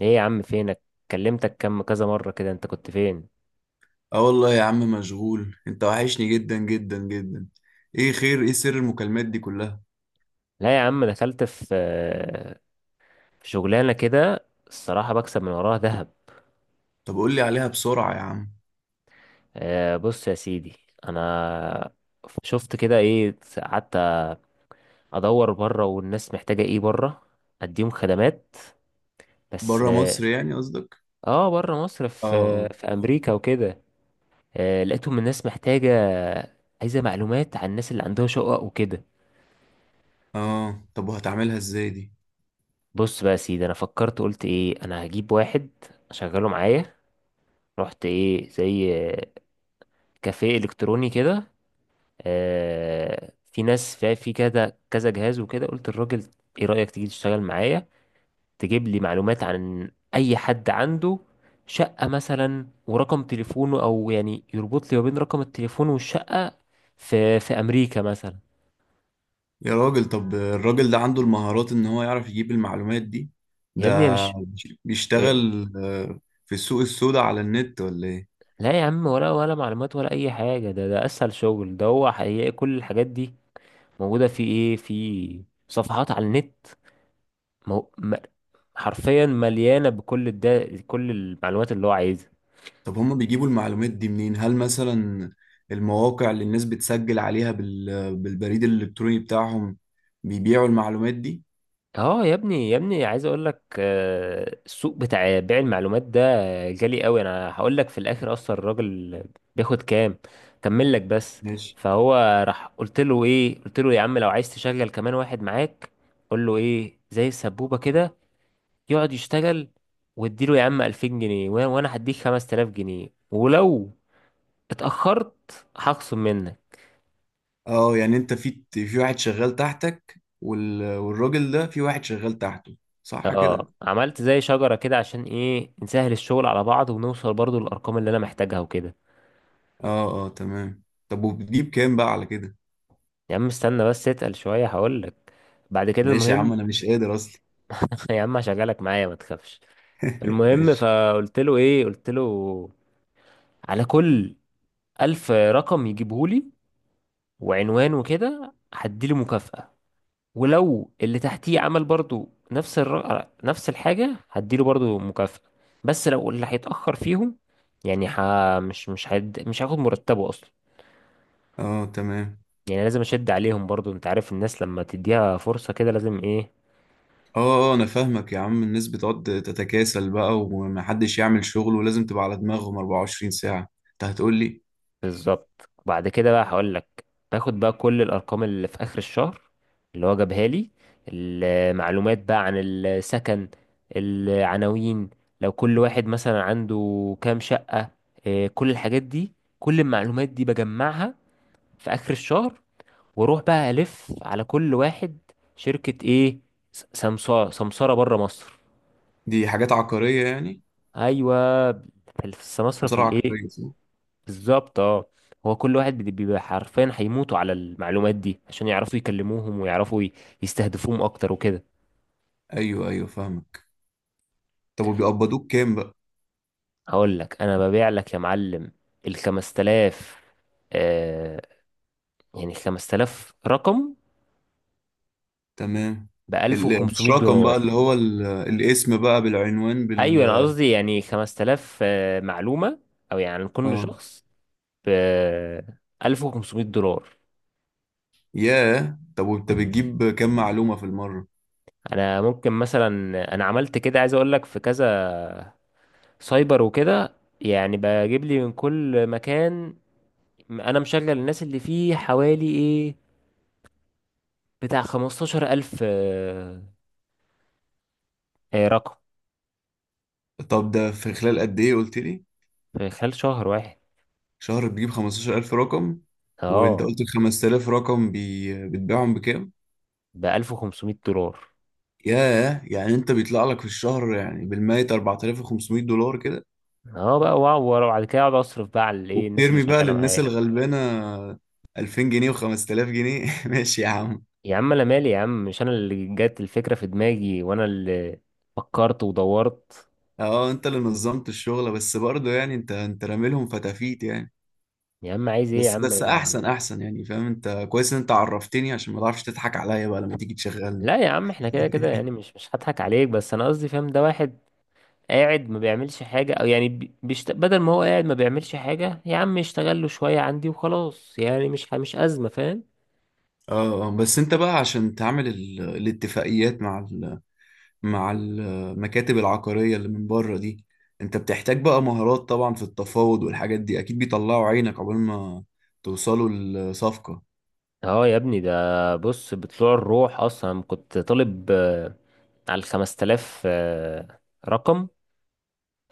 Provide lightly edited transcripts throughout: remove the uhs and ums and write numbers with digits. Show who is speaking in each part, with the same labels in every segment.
Speaker 1: ايه يا عم، فينك؟ كلمتك كم كذا مرة كده، انت كنت فين؟
Speaker 2: اه والله يا عم مشغول، انت وحشني جدا جدا جدا. ايه خير؟ ايه سر المكالمات دي كلها؟
Speaker 1: لا يا عم، دخلت في شغلانة كده، الصراحة بكسب من وراها ذهب.
Speaker 2: طب قول لي عليها بسرعة يا عم.
Speaker 1: آه، بص يا سيدي، انا شفت كده قعدت ادور بره والناس محتاجة ايه بره، اديهم خدمات بس
Speaker 2: بره
Speaker 1: اه.
Speaker 2: مصر يعني قصدك؟
Speaker 1: آه، بره مصر، في
Speaker 2: اه
Speaker 1: في
Speaker 2: اه،
Speaker 1: امريكا وكده. آه، لقيتهم الناس محتاجة عايزة معلومات عن الناس اللي عندها شقق وكده.
Speaker 2: اه. طب وهتعملها ازاي دي؟
Speaker 1: بص بقى يا سيدي، انا فكرت قلت ايه، انا هجيب واحد اشغله معايا. رحت ايه زي كافيه الكتروني كده، في ناس في كذا كذا جهاز وكده، قلت الراجل، ايه رأيك تيجي تشتغل معايا؟ تجيب لي معلومات عن اي حد عنده شقة مثلا ورقم تليفونه، او يعني يربط لي ما بين رقم التليفون والشقة في امريكا مثلا.
Speaker 2: يا راجل، طب الراجل ده عنده المهارات ان هو يعرف يجيب المعلومات دي؟
Speaker 1: يا
Speaker 2: ده
Speaker 1: ابني يا مش. إيه؟
Speaker 2: بيشتغل في السوق السوداء على النت ولا ايه؟
Speaker 1: لا يا عم، ولا معلومات ولا اي حاجة، ده اسهل شغل، ده هو حقيقي كل الحاجات دي موجودة في في صفحات على النت. مو... م... حرفيا مليانه كل المعلومات اللي هو عايزها.
Speaker 2: طب هما بيجيبوا المعلومات دي منين؟ هل مثلا المواقع اللي الناس بتسجل عليها بالبريد الإلكتروني بتاعهم بيبيعوا المعلومات دي؟
Speaker 1: اه يا ابني يا ابني، عايز اقول لك السوق بتاع بيع المعلومات ده غالي قوي، انا هقول لك في الاخر، اصلا الراجل بياخد كام، كمل لك بس.
Speaker 2: ماشي.
Speaker 1: فهو راح قلت له ايه، قلت له يا عم لو عايز تشغل كمان واحد معاك، قول له ايه، زي السبوبه كده، يقعد يشتغل، واديله يا عم 2000 جنيه، وأنا هديك 5000 جنيه، ولو اتاخرت هخصم منك.
Speaker 2: اه، يعني انت في واحد شغال تحتك، والراجل ده في واحد شغال تحته، صح كده؟
Speaker 1: اه، عملت زي شجرة كده عشان ايه نسهل الشغل على بعض ونوصل برضو للأرقام اللي أنا محتاجها وكده.
Speaker 2: اه، اه، تمام. طب ودي بكام بقى على كده؟
Speaker 1: يا عم استنى بس اتقل شوية هقولك، بعد كده
Speaker 2: ماشي يا عم،
Speaker 1: المهم.
Speaker 2: انا مش قادر اصلا.
Speaker 1: يا عم هشغلك معايا، ما تخافش. المهم
Speaker 2: ماشي.
Speaker 1: فقلت له ايه، قلت له، على كل 1000 رقم يجيبهولي وعنوان وكده، هديله مكافأة، ولو اللي تحتيه عمل برضو نفس الحاجة هديله برضو مكافأة. بس لو اللي هيتأخر فيهم، يعني مش مش هاخد مرتبه أصلا،
Speaker 2: اه، تمام.
Speaker 1: يعني لازم اشد عليهم برضو، انت عارف الناس لما تديها فرصة كده لازم ايه.
Speaker 2: اه، اه، انا فاهمك يا عم. الناس بتقعد تتكاسل بقى ومحدش يعمل شغل، ولازم تبقى على دماغهم 24 ساعة، انت هتقول لي؟
Speaker 1: بالظبط، وبعد كده بقى هقول لك، باخد بقى كل الارقام اللي في اخر الشهر اللي هو جابها لي، المعلومات بقى عن السكن، العناوين، لو كل واحد مثلا عنده كام شقة، إيه، كل الحاجات دي، كل المعلومات دي بجمعها في اخر الشهر، واروح بقى الف على كل واحد شركة، ايه، سمسارة سمسارة بره مصر.
Speaker 2: دي حاجات عقارية يعني؟
Speaker 1: ايوه، في السمسرة في
Speaker 2: مصارعة
Speaker 1: الايه.
Speaker 2: عقارية، صح؟
Speaker 1: بالظبط اه. هو كل واحد بيبقى حرفيا هيموتوا على المعلومات دي عشان يعرفوا يكلموهم ويعرفوا يستهدفوهم اكتر وكده.
Speaker 2: أيوه، أيوه، فاهمك. طب وبيقبضوك كام بقى؟
Speaker 1: هقول لك، انا ببيع لك يا معلم، ال 5000، آه يعني 5000 رقم
Speaker 2: تمام.
Speaker 1: ب 1500
Speaker 2: مش رقم بقى، اللي
Speaker 1: دولار
Speaker 2: هو الاسم بقى بالعنوان.
Speaker 1: ايوه، انا قصدي يعني 5000 معلومة، او يعني كل
Speaker 2: اه،
Speaker 1: شخص ب 1500 دولار.
Speaker 2: ياه. طب وانت بتجيب كام معلومة في المرة؟
Speaker 1: انا ممكن مثلا، انا عملت كده عايز اقول لك، في كذا سايبر وكده، يعني بجيب لي من كل مكان، انا مشغل الناس اللي فيه حوالي بتاع 15000 رقم،
Speaker 2: طب ده في خلال قد إيه قلت لي؟
Speaker 1: في خلال شهر واحد.
Speaker 2: شهر بتجيب 15000 رقم؟ وانت
Speaker 1: اه،
Speaker 2: قلت ال 5000 رقم، بتبيعهم بكام؟
Speaker 1: ب 1500 دولار.
Speaker 2: ياه. يعني انت بيطلع لك في الشهر يعني بالمية 4500 دولار كده؟
Speaker 1: اه بقى، واو وبعد كده اقعد اصرف بقى على الايه الناس اللي
Speaker 2: وبترمي بقى
Speaker 1: شغاله
Speaker 2: للناس
Speaker 1: معايا.
Speaker 2: الغلبانة 2000 جنيه و5000 جنيه. ماشي يا عم.
Speaker 1: يا عم انا مالي يا عم، مش انا اللي جت الفكره في دماغي، وانا اللي فكرت ودورت.
Speaker 2: اه، انت اللي نظمت الشغل بس برضه يعني انت راميلهم فتافيت يعني.
Speaker 1: يا عم عايز ايه يا
Speaker 2: بس
Speaker 1: عم؟
Speaker 2: بس، احسن احسن، يعني فاهم؟ انت كويس ان انت عرفتني عشان ما تعرفش تضحك عليا بقى لما تيجي تشغلني.
Speaker 1: لا يا عم، احنا كده كده يعني مش هضحك عليك، بس انا قصدي فاهم، ده واحد قاعد ما بيعملش حاجة، او يعني بدل ما هو قاعد ما بيعملش حاجة يا عم يشتغل له شوية عندي وخلاص، يعني مش أزمة فاهم.
Speaker 2: اه، بس انت بقى عشان تعمل الاتفاقيات مع المكاتب العقارية اللي من بره دي، انت بتحتاج بقى مهارات طبعا في التفاوض والحاجات دي، اكيد بيطلعوا عينك عقبال ما توصلوا لصفقة.
Speaker 1: اه يا ابني، ده بص بطلوع الروح اصلا، كنت طالب على ال 5000 رقم،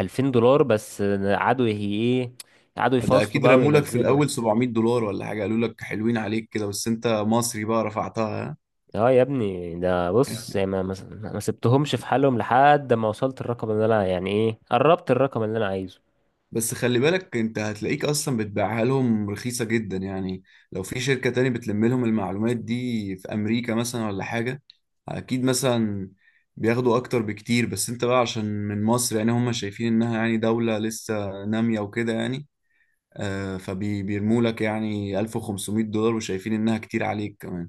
Speaker 1: 2000 دولار بس، قعدوا يه- ايه قعدوا
Speaker 2: ده
Speaker 1: يفاصلوا
Speaker 2: اكيد
Speaker 1: بقى
Speaker 2: رمولك في
Speaker 1: وينزلوا.
Speaker 2: الاول 700 دولار ولا حاجه، قالوا لك حلوين عليك كده، بس انت مصري بقى رفعتها.
Speaker 1: اه يا ابني، ده بص يعني، ما سبتهمش في حالهم لحد ما وصلت الرقم اللي انا، يعني ايه، قربت الرقم اللي انا عايزه.
Speaker 2: بس خلي بالك، انت هتلاقيك اصلا بتبيعها لهم رخيصه جدا يعني. لو في شركه تاني بتلم لهم المعلومات دي في امريكا مثلا ولا حاجه، اكيد مثلا بياخدوا اكتر بكتير. بس انت بقى عشان من مصر يعني هم شايفين انها يعني دوله لسه ناميه وكده يعني، فبيرموا لك يعني 1500 دولار وشايفين انها كتير عليك كمان.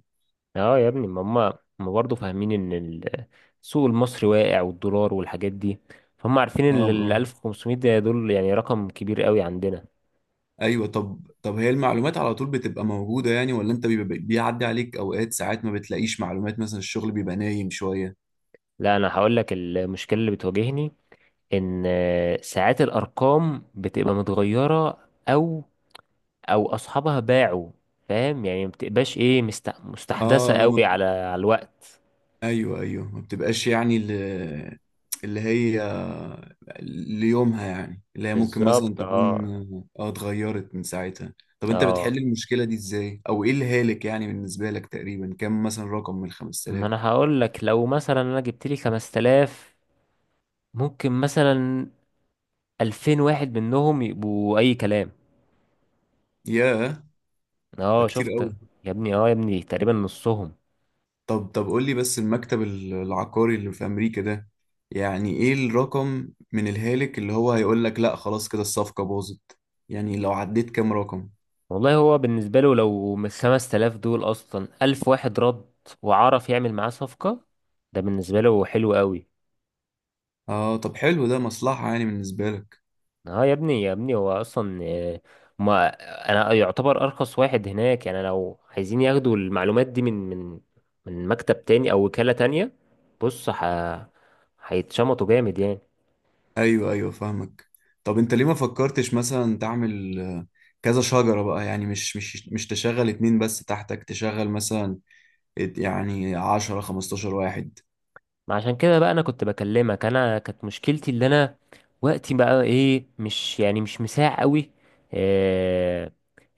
Speaker 1: اه يا ابني، ما هم برضه فاهمين ان السوق المصري واقع والدولار والحاجات دي، فهم عارفين
Speaker 2: اه،
Speaker 1: ان ال
Speaker 2: اه،
Speaker 1: 1500 ده دول يعني رقم كبير قوي عندنا.
Speaker 2: ايوه. طب هي المعلومات على طول بتبقى موجودة يعني ولا انت بيبقى بيعدي عليك اوقات ساعات ما بتلاقيش معلومات، مثلا الشغل بيبقى نايم شوية؟
Speaker 1: لا، انا هقول لك المشكله اللي بتواجهني، ان ساعات الارقام بتبقى متغيره، او او اصحابها باعوا، فاهم يعني ما بتبقاش ايه مستحدثه
Speaker 2: اه،
Speaker 1: قوي على الوقت.
Speaker 2: ايوه، ايوه، ما بتبقاش يعني اللي هي ليومها، يعني اللي هي ممكن مثلا
Speaker 1: بالظبط
Speaker 2: تكون.
Speaker 1: اه
Speaker 2: اه، اتغيرت من ساعتها. طب انت بتحل
Speaker 1: اه.
Speaker 2: المشكلة دي ازاي، او ايه الهالك يعني بالنسبة لك؟ تقريبا كم مثلا رقم من
Speaker 1: ما
Speaker 2: 5000؟
Speaker 1: انا هقول لك، لو مثلا انا جبت لي 5000، ممكن مثلا 2000 واحد منهم يبقوا اي كلام.
Speaker 2: ياه، ده
Speaker 1: اه
Speaker 2: كتير
Speaker 1: شفت.
Speaker 2: قوي.
Speaker 1: يا ابني، اه يا ابني، تقريبا نصهم.
Speaker 2: طب قول لي بس، المكتب العقاري اللي في أمريكا ده، يعني إيه الرقم من الهالك اللي هو هيقول لك لأ خلاص، كده الصفقة باظت؟ يعني لو عديت كام رقم؟
Speaker 1: والله هو بالنسبة له، لو من 5000 دول اصلا 1000 واحد رد وعرف يعمل معاه صفقة، ده بالنسبة له حلو قوي.
Speaker 2: آه. طب حلو، ده مصلحة يعني بالنسبة لك؟
Speaker 1: اه يا ابني يا ابني، هو اصلا ما انا يعتبر ارخص واحد هناك، يعني لو عايزين ياخدوا المعلومات دي من مكتب تاني او وكالة تانية، بص هيتشمطوا جامد يعني.
Speaker 2: أيوه، أيوه، فاهمك. طب أنت ليه ما فكرتش مثلا تعمل كذا شجرة بقى؟ يعني مش تشغل اتنين بس تحتك، تشغل مثلا يعني 10 15 واحد.
Speaker 1: ما عشان كده بقى انا كنت بكلمك، انا كانت مشكلتي اللي انا، وقتي بقى ايه مش، يعني مش مساع قوي، إيه،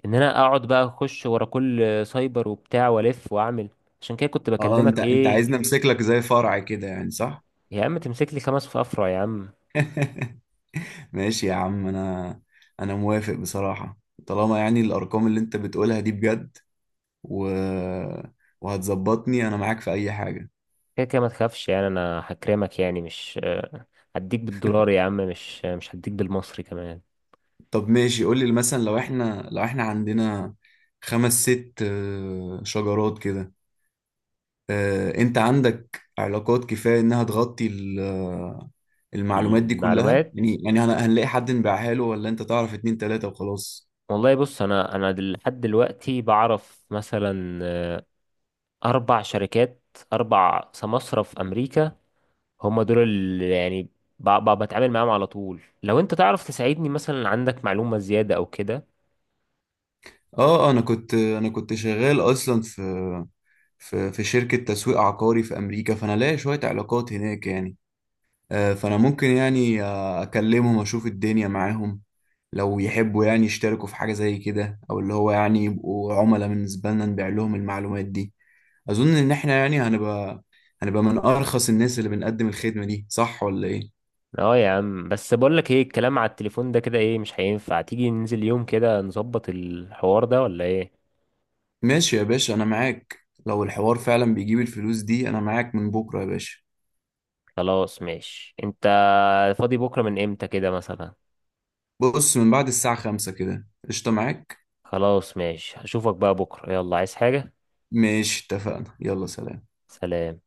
Speaker 1: ان انا اقعد بقى اخش ورا كل سايبر وبتاع والف واعمل، عشان كده كنت
Speaker 2: اه، انت
Speaker 1: بكلمك
Speaker 2: انت
Speaker 1: ايه.
Speaker 2: عايز نمسك لك زي فرع كده يعني، صح؟
Speaker 1: يا عم تمسك لي خمس في افرع يا عم.
Speaker 2: ماشي يا عم، انا موافق بصراحة. طالما يعني الارقام اللي انت بتقولها دي بجد و... وهتظبطني انا معاك في اي حاجة.
Speaker 1: كده كده ما تخافش، يعني انا هكرمك، يعني مش هديك بالدولار يا عم، مش مش هديك بالمصري كمان.
Speaker 2: طب ماشي، قول لي مثلا لو احنا عندنا خمس ست شجرات كده، انت عندك علاقات كفاية انها تغطي المعلومات دي كلها؟
Speaker 1: المعلومات،
Speaker 2: يعني هنلاقي حد نبيعها له ولا انت تعرف اتنين تلاتة وخلاص؟
Speaker 1: والله بص، انا لحد دلوقتي بعرف مثلا أربع شركات، أربع سماسرة في أمريكا، هم دول اللي يعني بتعامل معاهم على طول، لو أنت تعرف تساعدني مثلا عندك معلومة زيادة أو كده.
Speaker 2: اه. انا كنت شغال اصلا في شركة تسويق عقاري في أمريكا، فأنا لاقي شوية علاقات هناك يعني. فأنا ممكن يعني أكلمهم أشوف الدنيا معاهم، لو يحبوا يعني يشتركوا في حاجة زي كده، أو اللي هو يعني يبقوا عملاء بالنسبة لنا نبيع لهم المعلومات دي. أظن إن إحنا يعني هنبقى من أرخص الناس اللي بنقدم الخدمة دي، صح ولا إيه؟
Speaker 1: اه يا عم، بس بقول لك ايه، الكلام على التليفون ده كده ايه، مش هينفع تيجي ننزل يوم كده نظبط الحوار ده ولا ايه؟
Speaker 2: ماشي يا باشا، أنا معاك. لو الحوار فعلا بيجيب الفلوس دي، أنا معاك من بكرة يا باشا.
Speaker 1: خلاص ماشي، انت فاضي بكرة من امتى كده مثلا؟
Speaker 2: بص، من بعد الساعة 5 كده، قشطة معاك؟
Speaker 1: خلاص ماشي، هشوفك بقى بكرة، يلا عايز حاجة؟
Speaker 2: ماشي، اتفقنا. يلا سلام.
Speaker 1: سلام.